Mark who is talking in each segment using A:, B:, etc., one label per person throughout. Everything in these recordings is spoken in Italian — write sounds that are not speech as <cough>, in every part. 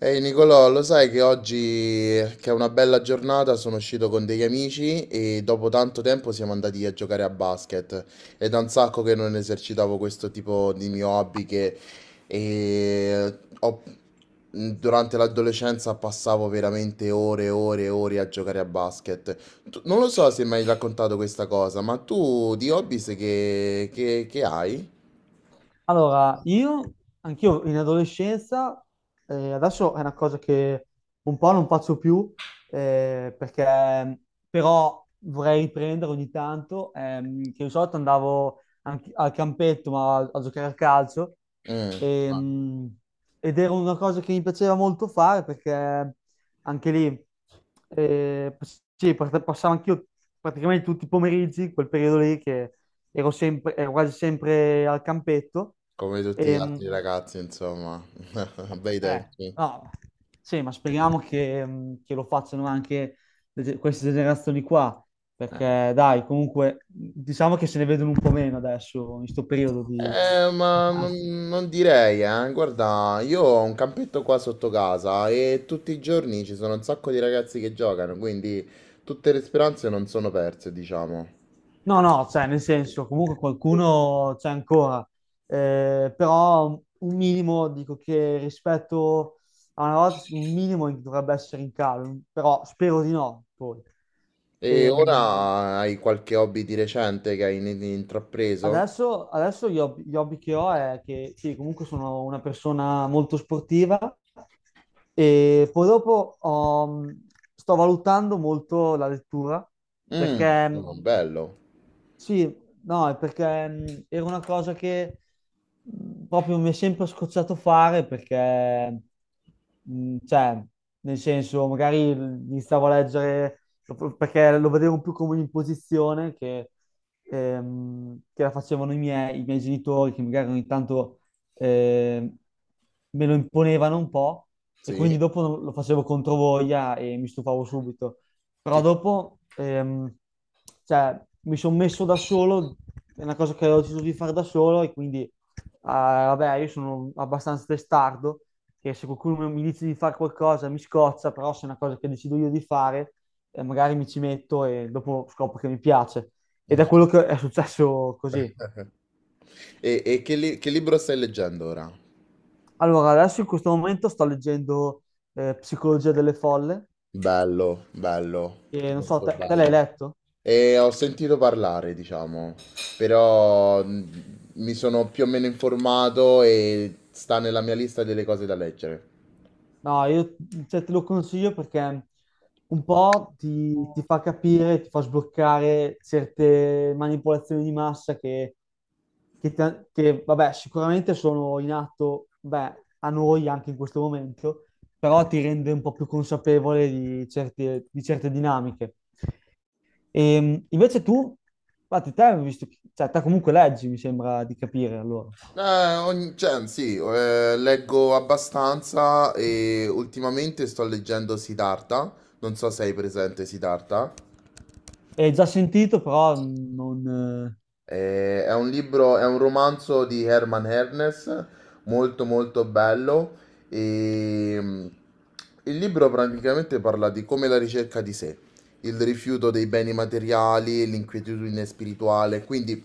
A: Ehi Nicolò, lo sai che oggi, che è una bella giornata, sono uscito con degli amici e dopo tanto tempo siamo andati a giocare a basket. È da un sacco che non esercitavo questo tipo di mio hobby che eh, ho- durante l'adolescenza passavo veramente ore e ore e ore a giocare a basket. Non lo so se mi hai raccontato questa cosa, ma tu di hobby sai che hai?
B: Allora, io, anch'io in adolescenza, adesso è una cosa che un po' non faccio più, perché però vorrei riprendere ogni tanto, che di solito andavo anche al campetto, ma a giocare a calcio,
A: Mm,
B: ehm, ed era una cosa che mi piaceva molto fare, perché anche lì, eh, sì, passavo anch'io praticamente tutti i pomeriggi, quel periodo lì che ero quasi sempre al campetto.
A: come tutti gli
B: E,
A: altri ragazzi, insomma. <laughs> Bei
B: Eh,
A: tempi.
B: no, sì, ma speriamo che lo facciano anche queste generazioni qua, perché dai, comunque, diciamo che se ne vedono un po' meno adesso, in questo periodo di.
A: Eh, ma non direi, eh. Guarda, io ho un campetto qua sotto casa e tutti i giorni ci sono un sacco di ragazzi che giocano, quindi tutte le speranze non sono perse, diciamo.
B: No, no, cioè, nel senso, comunque qualcuno c'è ancora. Però un minimo, dico che rispetto a una volta, sì, un minimo dovrebbe essere in calo, però spero di no, poi.
A: E
B: Ehm,
A: ora hai qualche hobby di recente che hai intrapreso?
B: adesso gli hobby che ho è che sì, comunque sono una persona molto sportiva e poi dopo sto valutando molto la lettura
A: Mm,
B: perché
A: oh, bello,
B: sì, no, è perché era una cosa che proprio mi è sempre scocciato fare perché, cioè, nel senso, magari iniziavo a leggere perché lo vedevo più come un'imposizione che la facevano i miei genitori, che magari ogni tanto ehm, me lo imponevano un po' e quindi
A: sì.
B: dopo lo facevo controvoglia e mi stufavo subito. Però
A: Che-
B: dopo, cioè, mi sono messo da solo, è una cosa che ho deciso di fare da solo e quindi, vabbè, io sono abbastanza testardo, che se qualcuno mi dice di fare qualcosa mi scoccia, però se è una cosa che decido io di fare, magari mi ci metto e dopo scopro che mi piace. Ed è quello che è successo così.
A: E, che libro stai leggendo ora?
B: Allora, adesso in questo momento sto leggendo Psicologia delle folle,
A: Bello, bello,
B: e non so,
A: molto
B: te l'hai
A: bello.
B: letto?
A: E ho sentito parlare, diciamo, però mi sono più o meno informato e sta nella mia lista delle cose da leggere.
B: No, io cioè, te lo consiglio perché un po' ti fa capire, ti fa sbloccare certe manipolazioni di massa che, che, vabbè, sicuramente sono in atto, beh, a noi anche in questo momento, però ti rende un po' più consapevole di certe dinamiche. E, invece tu, infatti te, hai visto, cioè, te comunque leggi, mi sembra di capire allora.
A: Cioè, sì, leggo abbastanza e ultimamente sto leggendo Siddhartha, non so se hai presente Siddhartha.
B: E già sentito, però non... eh,
A: È un libro, è un romanzo di Herman Hernes, molto molto bello. E, il libro praticamente parla di come la ricerca di sé, il rifiuto dei beni materiali, l'inquietudine spirituale. Quindi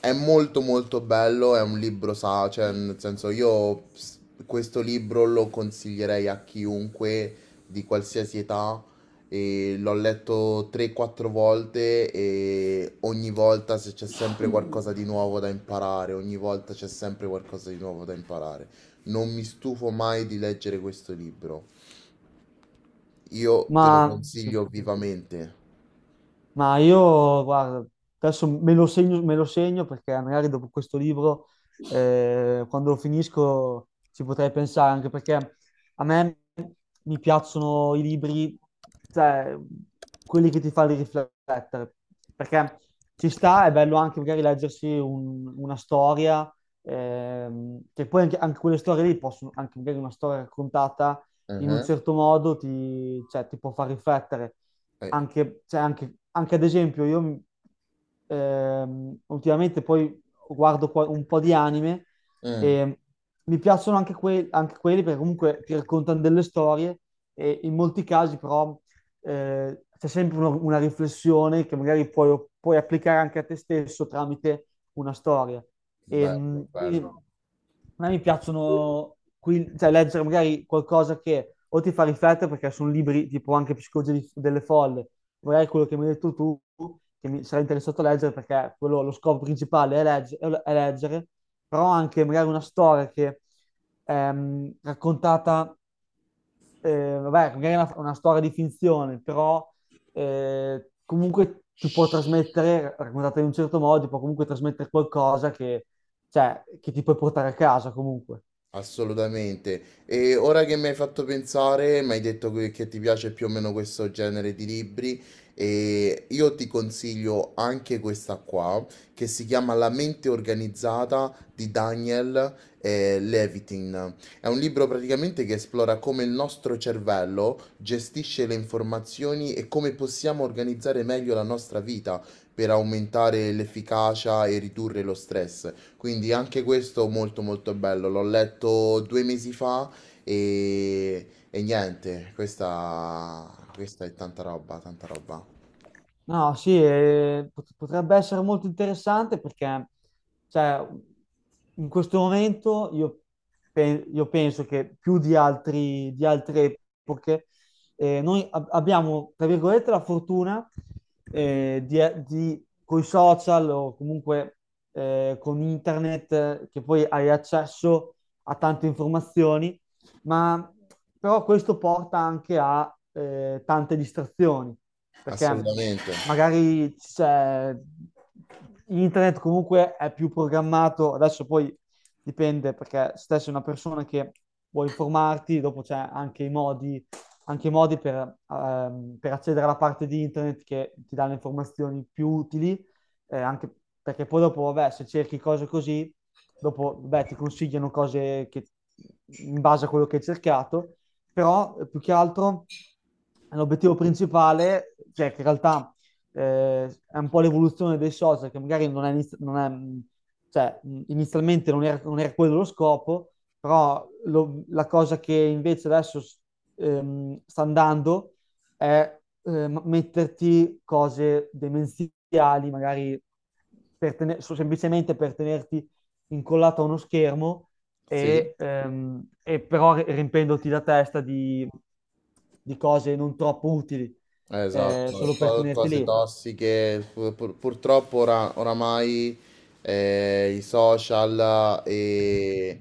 A: è molto molto bello, è un libro, sa, cioè nel senso questo libro lo consiglierei a chiunque di qualsiasi età, e l'ho letto 3-4 volte e ogni volta se c'è sempre qualcosa di nuovo da imparare, ogni volta c'è sempre qualcosa di nuovo da imparare. Non mi stufo mai di leggere questo libro. Io te lo
B: ma sì.
A: consiglio
B: Sì.
A: vivamente.
B: Ma io, guarda, adesso me lo segno perché magari dopo questo libro, quando lo finisco, ci potrei pensare, anche perché a me mi piacciono i libri, cioè, quelli che ti fanno riflettere, perché ci sta, è bello anche magari leggersi una storia, che poi anche, anche quelle storie lì possono, anche magari una storia raccontata in un
A: Mhm.
B: certo modo, cioè, ti può far riflettere
A: Eh,
B: anche, cioè, anche ad esempio ultimamente poi guardo un po' di anime
A: mm,
B: e mi piacciono anche, anche quelli perché comunque ti raccontano delle storie e in molti casi però c'è sempre una riflessione che magari puoi, puoi applicare anche a te stesso tramite una storia. E,
A: Bello,
B: quindi
A: bello.
B: a me mi piacciono qui, cioè, leggere magari qualcosa che o ti fa riflettere perché sono libri tipo anche Psicologia delle folle, magari quello che mi hai detto tu, che mi sarei interessato a leggere perché quello, lo scopo principale è, è leggere, però anche magari una storia che raccontata vabbè, magari è una storia di finzione, però comunque ti può trasmettere, raccontata in un certo modo, ti può comunque trasmettere qualcosa che, cioè, che ti puoi portare a casa comunque.
A: Assolutamente. E ora che mi hai fatto pensare, mi hai detto che ti piace più o meno questo genere di libri, e io ti consiglio anche questa qua, che si chiama La mente organizzata di Daniel Levitin. È un libro praticamente che esplora come il nostro cervello gestisce le informazioni e come possiamo organizzare meglio la nostra vita per aumentare l'efficacia e ridurre lo stress. Quindi anche questo molto molto bello, l'ho letto due mesi fa e niente, questa è tanta roba, tanta roba.
B: No, sì, potrebbe essere molto interessante perché, cioè, in questo momento io, io penso che più di di altre epoche, noi abbiamo, tra virgolette, la fortuna, coi social o comunque, con internet, che poi hai accesso a tante informazioni, ma però questo porta anche a tante distrazioni, perché
A: Assolutamente,
B: magari c'è internet comunque è più programmato, adesso poi dipende perché se sei una persona che vuoi informarti, dopo c'è anche i modi per accedere alla parte di internet che ti dà le informazioni più utili anche perché poi dopo, vabbè, se cerchi cose così, dopo, vabbè, ti consigliano cose che, in base a quello che hai cercato, però più che altro l'obiettivo principale, cioè che in realtà è un po' l'evoluzione dei social, che magari non è, non è, cioè, inizialmente non era, non era quello lo scopo, però la cosa che invece adesso sta andando è metterti cose demenziali, magari per semplicemente per tenerti incollato a uno schermo
A: sì,
B: e però riempendoti la testa di cose non troppo utili,
A: esatto,
B: solo per tenerti
A: cose
B: lì.
A: tossiche, purtroppo oramai i social, e,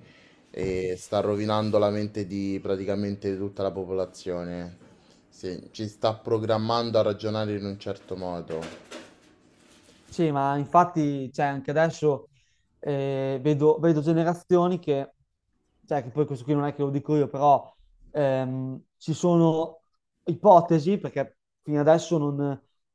A: e sta rovinando la mente di praticamente tutta la popolazione, sì, ci sta programmando a ragionare in un certo modo.
B: Sì, ma infatti, cioè, anche adesso vedo, vedo generazioni che cioè che poi questo qui non è che lo dico io, però ci sono ipotesi, perché fino adesso non,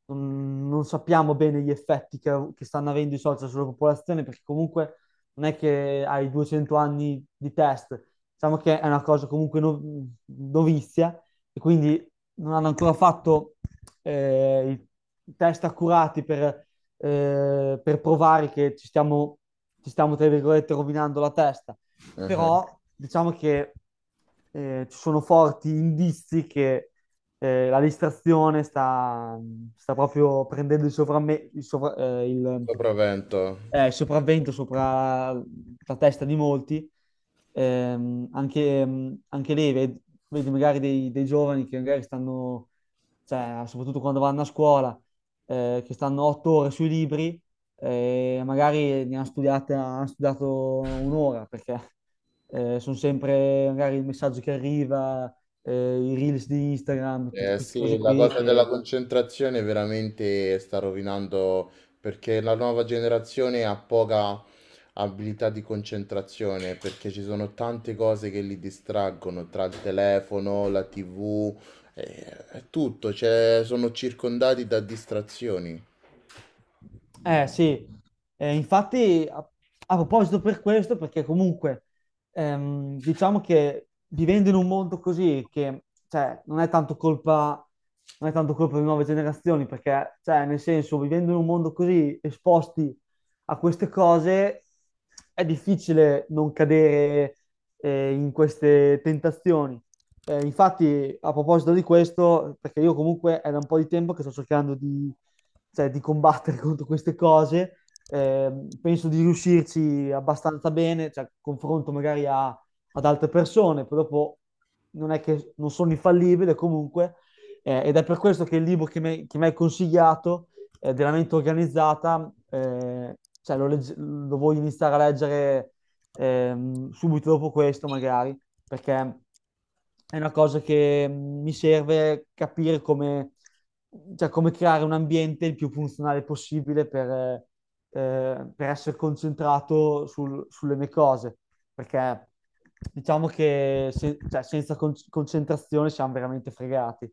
B: non sappiamo bene gli effetti che stanno avendo i social sulla popolazione, perché comunque non è che hai 200 anni di test, diciamo che è una cosa comunque novizia e quindi non hanno ancora fatto eh, i i test accurati per provare che ci stiamo, tra virgolette, rovinando la testa, però
A: <laughs>
B: diciamo che ci sono forti indizi che la distrazione sta proprio prendendo il,
A: Sopravvento.
B: il sopravvento sopra la testa di molti. Anche, anche lei, vedi, magari dei, dei giovani che magari stanno, cioè, soprattutto quando vanno a scuola, che stanno 8 ore sui libri, magari hanno studiato un'ora perché sono sempre magari il messaggio che arriva, eh, i reels di Instagram, tutte queste cose
A: Sì, la
B: qui
A: cosa della
B: che.
A: concentrazione veramente sta rovinando perché la nuova generazione ha poca abilità di concentrazione perché ci sono tante cose che li distraggono tra il telefono, la TV, eh, è tutto, cioè, sono circondati da distrazioni.
B: Eh sì. Infatti a proposito per questo, perché comunque diciamo che vivendo in un mondo così, che cioè, non è tanto colpa delle nuove generazioni, perché cioè, nel senso, vivendo in un mondo così esposti a queste cose, è difficile non cadere in queste tentazioni. Infatti, a proposito di questo, perché io comunque è da un po' di tempo che sto cercando di, cioè, di combattere <laughs> contro queste cose, penso di riuscirci abbastanza bene, cioè, confronto magari ad altre persone, poi dopo non è che non sono infallibile comunque, ed è per questo che il libro che mi hai consigliato, della mente organizzata, cioè, lo voglio iniziare a leggere subito dopo questo magari perché è una cosa che mi serve capire come, cioè, come creare un ambiente il più funzionale possibile per essere concentrato sulle mie cose, perché diciamo che cioè, senza concentrazione siamo veramente fregati.